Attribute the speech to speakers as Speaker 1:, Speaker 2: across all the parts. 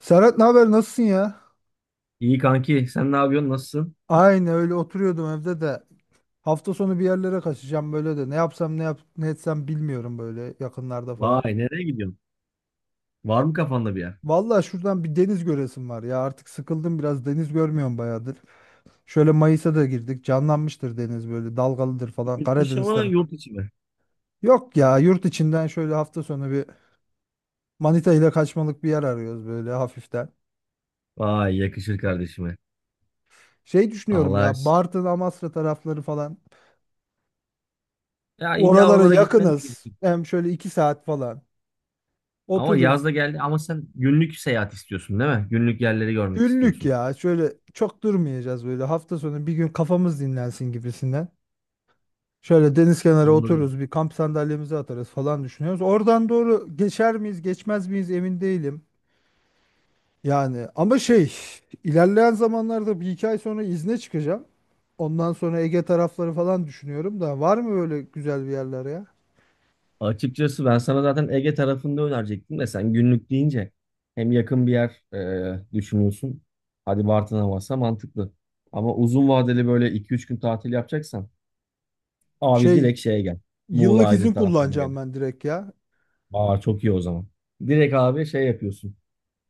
Speaker 1: Serhat, ne haber, nasılsın ya?
Speaker 2: İyi kanki, sen ne yapıyorsun? Nasılsın?
Speaker 1: Aynı öyle oturuyordum evde de. Hafta sonu bir yerlere kaçacağım böyle de. Ne yapsam ne yap ne etsem bilmiyorum böyle yakınlarda falan.
Speaker 2: Vay, nereye gidiyorsun? Var mı kafanda bir yer?
Speaker 1: Vallahi şuradan bir deniz göresim var ya. Artık sıkıldım, biraz deniz görmüyorum bayağıdır. Şöyle Mayıs'a da girdik. Canlanmıştır deniz, böyle dalgalıdır falan
Speaker 2: Yurt dışı
Speaker 1: Karadeniz
Speaker 2: mı,
Speaker 1: tarafı.
Speaker 2: yurt içi mi?
Speaker 1: Yok ya, yurt içinden şöyle hafta sonu bir Manita ile kaçmalık bir yer arıyoruz böyle hafiften.
Speaker 2: Vay, yakışır kardeşime.
Speaker 1: Şey düşünüyorum
Speaker 2: Allah.
Speaker 1: ya, Bartın, Amasra tarafları falan.
Speaker 2: Ya illa
Speaker 1: Oralara
Speaker 2: oralara gitmen de
Speaker 1: yakınız.
Speaker 2: gerekiyor.
Speaker 1: Hem şöyle iki saat falan.
Speaker 2: Ama
Speaker 1: Otururuz.
Speaker 2: yaz da geldi ama sen günlük seyahat istiyorsun değil mi? Günlük yerleri görmek
Speaker 1: Günlük
Speaker 2: istiyorsun.
Speaker 1: ya. Şöyle çok durmayacağız böyle. Hafta sonu bir gün kafamız dinlensin gibisinden. Şöyle deniz kenarı
Speaker 2: Anladım.
Speaker 1: otururuz. Bir kamp sandalyemizi atarız falan düşünüyoruz. Oradan doğru geçer miyiz, geçmez miyiz emin değilim. Yani ama şey, ilerleyen zamanlarda bir iki ay sonra izne çıkacağım. Ondan sonra Ege tarafları falan düşünüyorum da var mı böyle güzel bir yerler ya?
Speaker 2: Açıkçası ben sana zaten Ege tarafında önerecektim de sen günlük deyince hem yakın bir yer düşünüyorsun. Hadi Bartın'a varsa mantıklı. Ama uzun vadeli böyle iki üç gün tatil yapacaksan abi
Speaker 1: Şey,
Speaker 2: direkt şeye gel. Muğla
Speaker 1: yıllık izin
Speaker 2: Aydın taraflarına gel.
Speaker 1: kullanacağım ben direkt ya.
Speaker 2: Aa çok iyi o zaman. Direkt abi şey yapıyorsun.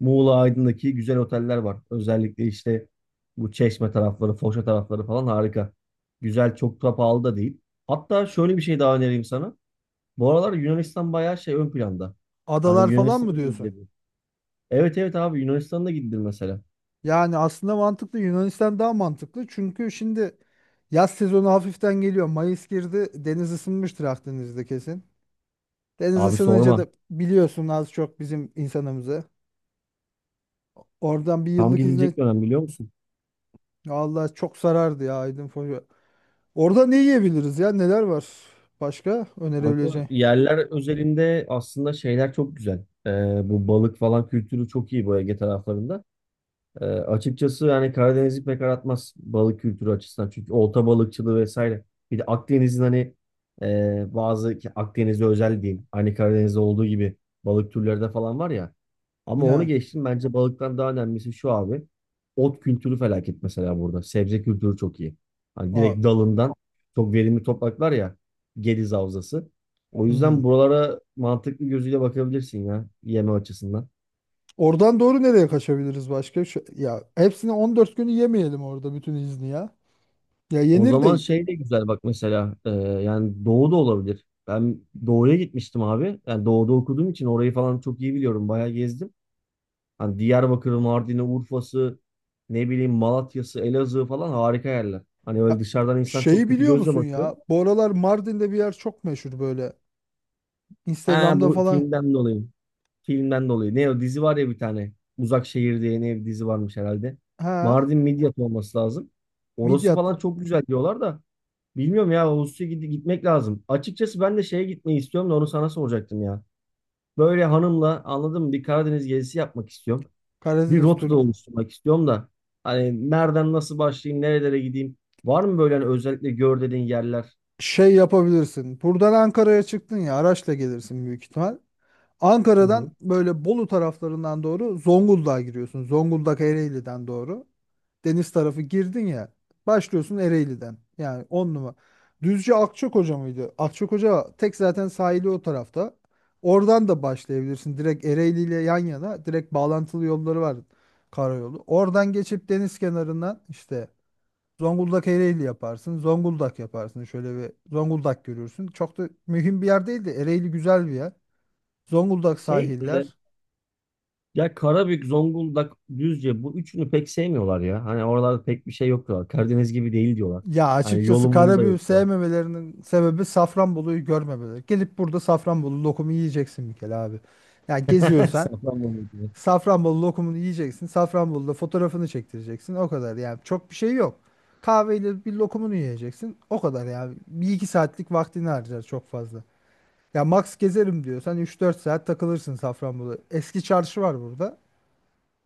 Speaker 2: Muğla Aydın'daki güzel oteller var. Özellikle işte bu Çeşme tarafları, Foça tarafları falan harika. Güzel, çok da pahalı da değil. Hatta şöyle bir şey daha önereyim sana. Bu aralar Yunanistan bayağı şey ön planda. Hani
Speaker 1: Adalar falan mı
Speaker 2: Yunanistan'a da
Speaker 1: diyorsun?
Speaker 2: gidilebilir. Evet evet abi Yunanistan'a da gidilir mesela.
Speaker 1: Yani aslında mantıklı, Yunanistan daha mantıklı. Çünkü şimdi yaz sezonu hafiften geliyor. Mayıs girdi. Deniz ısınmıştır Akdeniz'de kesin. Deniz
Speaker 2: Abi
Speaker 1: ısınınca
Speaker 2: sorma.
Speaker 1: da biliyorsun az çok bizim insanımızı. Oradan bir
Speaker 2: Tam
Speaker 1: yıllık izne.
Speaker 2: gidilecek dönem biliyor musun?
Speaker 1: Allah, çok sarardı ya Aydın Foça. Orada ne yiyebiliriz ya? Neler var? Başka
Speaker 2: Kanka,
Speaker 1: önerebileceğin?
Speaker 2: yerler özelinde aslında şeyler çok güzel. Bu balık falan kültürü çok iyi bu Ege taraflarında. Açıkçası yani Karadeniz'i pek aratmaz balık kültürü açısından. Çünkü olta balıkçılığı vesaire. Bir de Akdeniz'in hani bazı ki Akdeniz'e özel diyeyim. Hani Karadeniz'de olduğu gibi balık türleri de falan var ya. Ama onu
Speaker 1: Ya.
Speaker 2: geçtim. Bence balıktan daha önemlisi şu abi. Ot kültürü felaket mesela burada. Sebze kültürü çok iyi. Hani
Speaker 1: Aa,
Speaker 2: direkt dalından çok verimli topraklar ya. Gediz Havzası. O
Speaker 1: hmm.
Speaker 2: yüzden buralara mantıklı gözüyle bakabilirsin ya yeme açısından.
Speaker 1: Oradan doğru nereye kaçabiliriz başka? Şu, ya hepsini 14 günü yemeyelim orada bütün izni ya. Ya
Speaker 2: O
Speaker 1: yenir
Speaker 2: zaman
Speaker 1: de
Speaker 2: şey de güzel bak mesela yani doğu da olabilir. Ben doğuya gitmiştim abi. Yani doğuda okuduğum için orayı falan çok iyi biliyorum. Bayağı gezdim. Hani Diyarbakır, Mardin'i, Urfa'sı, ne bileyim Malatya'sı, Elazığ falan harika yerler. Hani öyle
Speaker 1: ya,
Speaker 2: dışarıdan insan çok
Speaker 1: şeyi
Speaker 2: kötü
Speaker 1: biliyor
Speaker 2: gözle
Speaker 1: musun
Speaker 2: bakıyor.
Speaker 1: ya? Bu aralar Mardin'de bir yer çok meşhur böyle.
Speaker 2: Ha
Speaker 1: Instagram'da
Speaker 2: bu
Speaker 1: falan.
Speaker 2: filmden dolayı. Filmden dolayı. Ne o dizi var ya bir tane. Uzak Şehir diye ne bir dizi varmış herhalde.
Speaker 1: Ha,
Speaker 2: Mardin Midyat olması lazım. Orası
Speaker 1: Midyat.
Speaker 2: falan çok güzel diyorlar da. Bilmiyorum ya Ağustos'a gitmek lazım. Açıkçası ben de şeye gitmeyi istiyorum da onu sana soracaktım ya. Böyle hanımla anladın mı bir Karadeniz gezisi yapmak istiyorum. Bir
Speaker 1: Karadeniz
Speaker 2: rota da
Speaker 1: turu.
Speaker 2: oluşturmak istiyorum da hani nereden nasıl başlayayım, nerelere gideyim? Var mı böyle hani özellikle gör dediğin yerler?
Speaker 1: Şey yapabilirsin. Buradan Ankara'ya çıktın ya, araçla gelirsin büyük ihtimal.
Speaker 2: Hı hı.
Speaker 1: Ankara'dan böyle Bolu taraflarından doğru Zonguldak'a giriyorsun. Zonguldak Ereğli'den doğru deniz tarafı girdin ya, başlıyorsun Ereğli'den, yani 10 numara. Düzce Akçakoca mıydı? Akçakoca tek zaten sahili o tarafta. Oradan da başlayabilirsin. Direkt Ereğli ile yan yana direkt bağlantılı yolları var, karayolu. Oradan geçip deniz kenarından işte Zonguldak Ereğli yaparsın. Zonguldak yaparsın. Şöyle bir Zonguldak görürsün. Çok da mühim bir yer değil de Ereğli güzel bir yer. Zonguldak
Speaker 2: Şey e,
Speaker 1: sahiller.
Speaker 2: Ya Karabük, Zonguldak, Düzce bu üçünü pek sevmiyorlar ya. Hani oralarda pek bir şey yok diyorlar. Karadeniz gibi değil diyorlar.
Speaker 1: Ya
Speaker 2: Hani
Speaker 1: açıkçası
Speaker 2: yolum yolu da
Speaker 1: karabiberi
Speaker 2: yok diyorlar.
Speaker 1: sevmemelerinin sebebi Safranbolu'yu görmemeleri. Gelip burada Safranbolu lokumu yiyeceksin bir kere abi. Ya geziyorsan
Speaker 2: Safranbolu diye.
Speaker 1: Safranbolu lokumunu yiyeceksin. Safranbolu'da fotoğrafını çektireceksin. O kadar yani, çok bir şey yok. Kahveyle bir lokumunu yiyeceksin. O kadar yani. Bir iki saatlik vaktini harcar çok fazla. Ya max gezerim diyorsan üç dört saat takılırsın Safranbolu. Eski çarşı var burada.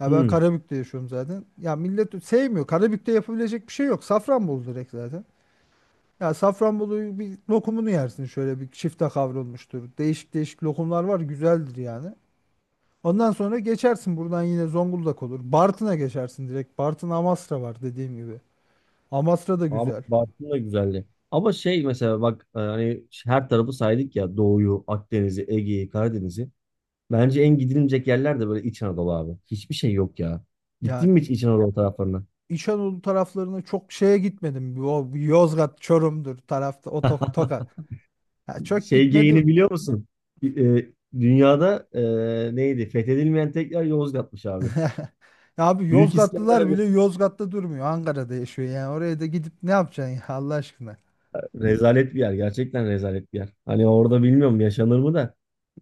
Speaker 1: Ya ben
Speaker 2: Hı.
Speaker 1: Karabük'te yaşıyorum zaten. Ya millet sevmiyor. Karabük'te yapabilecek bir şey yok. Safranbolu direkt zaten. Ya Safranbolu bir lokumunu yersin, şöyle bir çifte kavrulmuştur. Değişik değişik lokumlar var, güzeldir yani. Ondan sonra geçersin buradan yine Zonguldak olur. Bartın'a geçersin direkt. Bartın Amasra var dediğim gibi. Amasra da
Speaker 2: Ama
Speaker 1: güzel.
Speaker 2: Bartın da güzeldi. Ama şey mesela bak hani her tarafı saydık ya Doğu'yu, Akdeniz'i, Ege'yi, Karadeniz'i. Bence en gidilmeyecek yerler de böyle İç Anadolu abi. Hiçbir şey yok ya.
Speaker 1: Ya
Speaker 2: Gittin mi hiç İç Anadolu taraflarına?
Speaker 1: İç Anadolu taraflarına çok şeye gitmedim. O Yozgat, Çorum'dur tarafta, o Tokat. Ya çok
Speaker 2: Şey geyini
Speaker 1: gitmedim.
Speaker 2: biliyor musun? E, Dünyada neydi? Fethedilmeyen tek yer Yozgat'mış abi.
Speaker 1: Ya abi
Speaker 2: Büyük
Speaker 1: Yozgatlılar
Speaker 2: İskender bir
Speaker 1: bile Yozgat'ta durmuyor. Ankara'da yaşıyor yani. Oraya da gidip ne yapacaksın ya Allah aşkına.
Speaker 2: rezalet bir yer. Gerçekten rezalet bir yer. Hani orada bilmiyorum yaşanır mı da.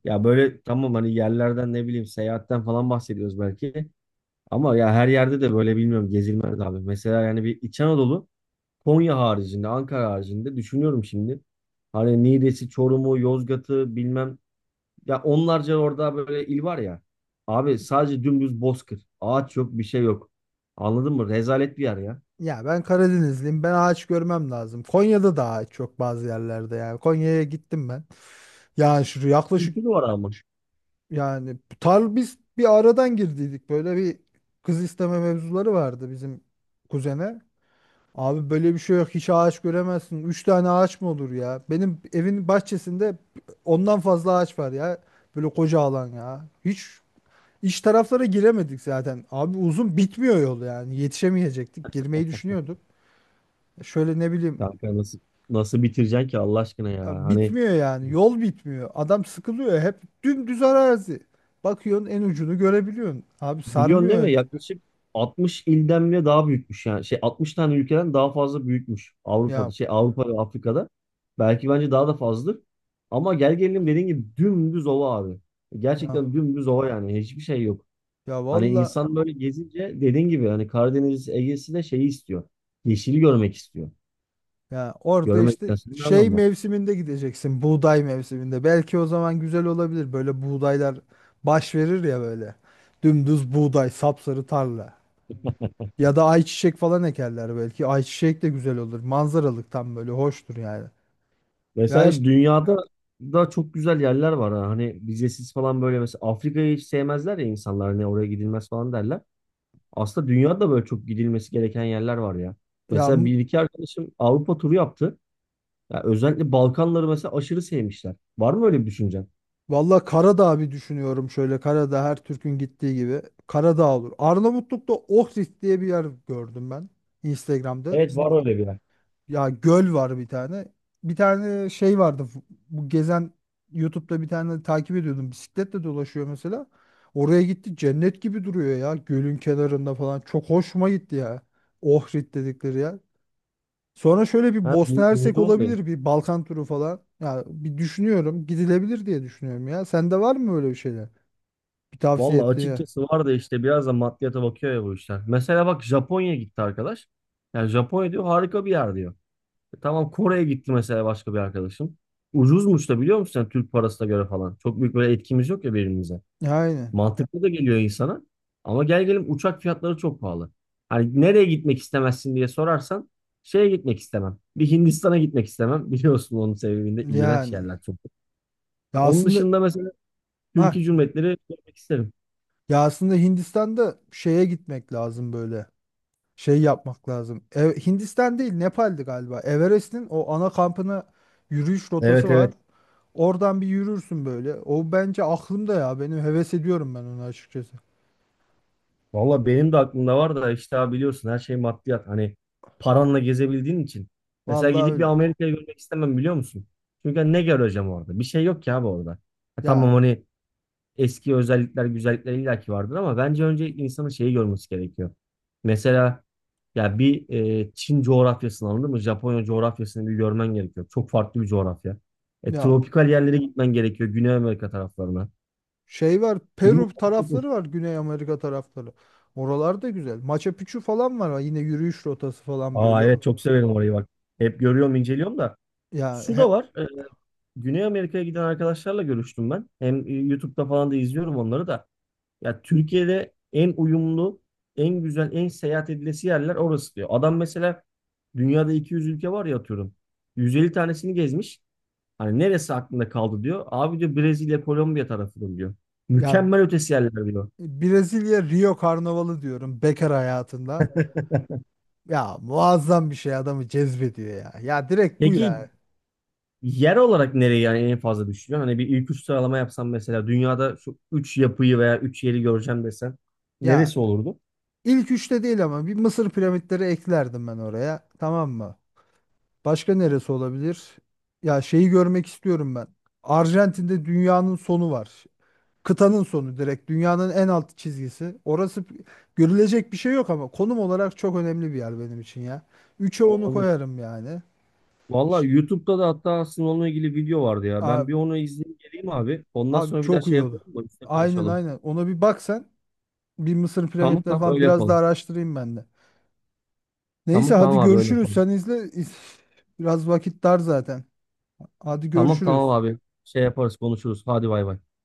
Speaker 2: Ya böyle tamam hani yerlerden ne bileyim seyahatten falan bahsediyoruz belki. Ama ya her yerde de böyle bilmiyorum gezilmez abi. Mesela yani bir İç Anadolu Konya haricinde, Ankara haricinde düşünüyorum şimdi. Hani Niğde'si, Çorum'u, Yozgat'ı bilmem. Ya onlarca orada böyle il var ya. Abi sadece dümdüz bozkır. Ağaç yok, bir şey yok. Anladın mı? Rezalet bir yer ya.
Speaker 1: Ya ben Karadenizliyim. Ben ağaç görmem lazım. Konya'da da ağaç çok bazı yerlerde yani. Konya'ya gittim ben. Yani şu yaklaşık,
Speaker 2: Kültürü var ama.
Speaker 1: yani tar biz bir aradan girdiydik. Böyle bir kız isteme mevzuları vardı bizim kuzene. Abi böyle bir şey yok. Hiç ağaç göremezsin. Üç tane ağaç mı olur ya? Benim evin bahçesinde ondan fazla ağaç var ya. Böyle koca alan ya. Hiç iç taraflara giremedik zaten. Abi uzun bitmiyor yol yani. Yetişemeyecektik. Girmeyi düşünüyorduk. Şöyle ne bileyim.
Speaker 2: Kanka nasıl bitireceksin ki Allah aşkına ya? Hani
Speaker 1: Bitmiyor yani. Yol bitmiyor. Adam sıkılıyor. Hep dümdüz arazi. Bakıyorsun en ucunu görebiliyorsun. Abi
Speaker 2: milyon
Speaker 1: sarmıyor
Speaker 2: değil mi?
Speaker 1: öyle.
Speaker 2: Yaklaşık 60 ilden bile daha büyükmüş yani. Şey 60 tane ülkeden daha fazla büyükmüş Avrupa'da.
Speaker 1: Ya
Speaker 2: Şey Avrupa ve Afrika'da. Belki bence daha da fazladır. Ama gel gelelim dediğin gibi dümdüz ova abi.
Speaker 1: ya
Speaker 2: Gerçekten dümdüz ova yani. Hiçbir şey yok.
Speaker 1: ya
Speaker 2: Hani
Speaker 1: valla,
Speaker 2: insan böyle gezince dediğin gibi hani Karadeniz Ege'si de şeyi istiyor. Yeşili görmek istiyor.
Speaker 1: ya orada işte
Speaker 2: Görmekten sonra ne
Speaker 1: şey
Speaker 2: anlamı var?
Speaker 1: mevsiminde gideceksin. Buğday mevsiminde. Belki o zaman güzel olabilir. Böyle buğdaylar baş verir ya böyle. Dümdüz buğday, sapsarı tarla. Ya da ayçiçek falan ekerler belki. Ayçiçek de güzel olur. Manzaralık tam böyle hoştur yani. Ya
Speaker 2: Mesela
Speaker 1: işte
Speaker 2: dünyada da çok güzel yerler var. Ha. Hani vizesiz falan böyle mesela Afrika'yı hiç sevmezler ya insanlar. Hani oraya gidilmez falan derler. Aslında dünyada böyle çok gidilmesi gereken yerler var ya.
Speaker 1: ya,
Speaker 2: Mesela bir iki arkadaşım Avrupa turu yaptı. Ya özellikle Balkanları mesela aşırı sevmişler. Var mı öyle bir düşüncen?
Speaker 1: valla Karadağ bir düşünüyorum şöyle. Karadağ her Türk'ün gittiği gibi. Karadağ olur. Arnavutluk'ta Ohrid diye bir yer gördüm ben. Instagram'da.
Speaker 2: Evet
Speaker 1: Bir,
Speaker 2: var öyle bir yer.
Speaker 1: ya göl var bir tane. Bir tane şey vardı. Bu gezen YouTube'da bir tane takip ediyordum. Bisikletle dolaşıyor mesela. Oraya gitti. Cennet gibi duruyor ya. Gölün kenarında falan. Çok hoşuma gitti ya. Ohrid dedikleri yer. Sonra şöyle bir
Speaker 2: Ha,
Speaker 1: Bosna Hersek
Speaker 2: duydum orayı.
Speaker 1: olabilir, bir Balkan turu falan. Ya bir düşünüyorum, gidilebilir diye düşünüyorum ya. Sende var mı öyle bir şeyler? Bir tavsiye
Speaker 2: Valla
Speaker 1: etti ya.
Speaker 2: açıkçası var da işte biraz da maddiyata bakıyor ya bu işler. Mesela bak Japonya gitti arkadaş. Yani Japonya diyor harika bir yer diyor. E tamam Kore'ye gitti mesela başka bir arkadaşım. Ucuzmuş da biliyor musun sen Türk parasına göre falan. Çok büyük böyle etkimiz yok ya birbirimize.
Speaker 1: Aynen.
Speaker 2: Mantıklı da geliyor insana. Ama gel gelin uçak fiyatları çok pahalı. Hani nereye gitmek istemezsin diye sorarsan şeye gitmek istemem. Bir Hindistan'a gitmek istemem. Biliyorsun onun sebebinde iğrenç
Speaker 1: Yani.
Speaker 2: yerler çok. Ha,
Speaker 1: Ya
Speaker 2: onun
Speaker 1: aslında,
Speaker 2: dışında mesela
Speaker 1: ah,
Speaker 2: Türkiye Cumhuriyetleri görmek isterim.
Speaker 1: ya aslında Hindistan'da şeye gitmek lazım böyle. Şey yapmak lazım. Hindistan değil, Nepal'di galiba. Everest'in o ana kampına yürüyüş rotası
Speaker 2: Evet
Speaker 1: var.
Speaker 2: evet.
Speaker 1: Oradan bir yürürsün böyle. O bence aklımda ya. Benim heves ediyorum ben onu açıkçası.
Speaker 2: Valla benim de aklımda var da işte abi biliyorsun her şey maddiyat. Hani paranla gezebildiğin için. Mesela
Speaker 1: Vallahi
Speaker 2: gidip bir
Speaker 1: öyle.
Speaker 2: Amerika'yı görmek istemem biliyor musun? Çünkü hani ne göreceğim orada? Bir şey yok ki abi orada. Ha,
Speaker 1: Ya
Speaker 2: tamam hani eski özellikler, güzellikler illaki vardır ama bence önce insanın şeyi görmesi gerekiyor. Mesela ya bir Çin coğrafyasını anladın mı? Japonya coğrafyasını bir görmen gerekiyor. Çok farklı bir coğrafya.
Speaker 1: ya
Speaker 2: Tropikal yerlere gitmen gerekiyor. Güney Amerika taraflarına.
Speaker 1: şey var,
Speaker 2: Bilmiyorum,
Speaker 1: Peru
Speaker 2: çok hoş.
Speaker 1: tarafları var, Güney Amerika tarafları. Oralar da güzel. Machu Picchu falan var. Yine yürüyüş rotası falan böyle
Speaker 2: Aa
Speaker 1: o.
Speaker 2: evet çok severim orayı bak. Hep görüyorum, inceliyorum da.
Speaker 1: Ya
Speaker 2: Şu da
Speaker 1: he-
Speaker 2: var. Güney Amerika'ya giden arkadaşlarla görüştüm ben. Hem YouTube'da falan da izliyorum onları da. Ya Türkiye'de en uyumlu, en güzel, en seyahat edilesi yerler orası diyor. Adam mesela dünyada 200 ülke var ya atıyorum. 150 tanesini gezmiş. Hani neresi aklında kaldı diyor. Abi diyor Brezilya, Kolombiya tarafıdır diyor.
Speaker 1: ya
Speaker 2: Mükemmel ötesi yerler diyor.
Speaker 1: Brezilya Rio Karnavalı diyorum bekar hayatında. Ya muazzam bir şey, adamı cezbediyor ya. Ya direkt bu ya.
Speaker 2: Peki yer olarak nereye yani en fazla düşünüyorsun? Hani bir ilk üç sıralama yapsam mesela dünyada şu üç yapıyı veya üç yeri göreceğim desen
Speaker 1: Ya
Speaker 2: neresi olurdu?
Speaker 1: ilk üçte değil ama bir Mısır piramitleri eklerdim ben oraya. Tamam mı? Başka neresi olabilir? Ya şeyi görmek istiyorum ben. Arjantin'de dünyanın sonu var. Kıtanın sonu, direkt dünyanın en alt çizgisi. Orası görülecek bir şey yok ama konum olarak çok önemli bir yer benim için ya. Üçe onu koyarım yani.
Speaker 2: Vallahi
Speaker 1: Ş-
Speaker 2: YouTube'da da hatta aslında onunla ilgili video vardı ya. Ben bir
Speaker 1: Abi,
Speaker 2: onu izleyeyim geleyim abi. Ondan
Speaker 1: abi
Speaker 2: sonra bir daha
Speaker 1: çok
Speaker 2: şey
Speaker 1: iyi oldu.
Speaker 2: yapalım mı? Üstüne
Speaker 1: Aynen
Speaker 2: konuşalım.
Speaker 1: aynen. Ona bir bak sen. Bir Mısır
Speaker 2: Tamam
Speaker 1: piramitleri
Speaker 2: tamam
Speaker 1: falan
Speaker 2: öyle
Speaker 1: biraz daha
Speaker 2: yapalım.
Speaker 1: araştırayım ben de. Neyse
Speaker 2: Tamam tamam
Speaker 1: hadi
Speaker 2: abi öyle
Speaker 1: görüşürüz.
Speaker 2: yapalım.
Speaker 1: Sen izle. Biraz vakit dar zaten. Hadi
Speaker 2: Tamam
Speaker 1: görüşürüz.
Speaker 2: tamam abi. Şey yaparız konuşuruz. Hadi bay bay.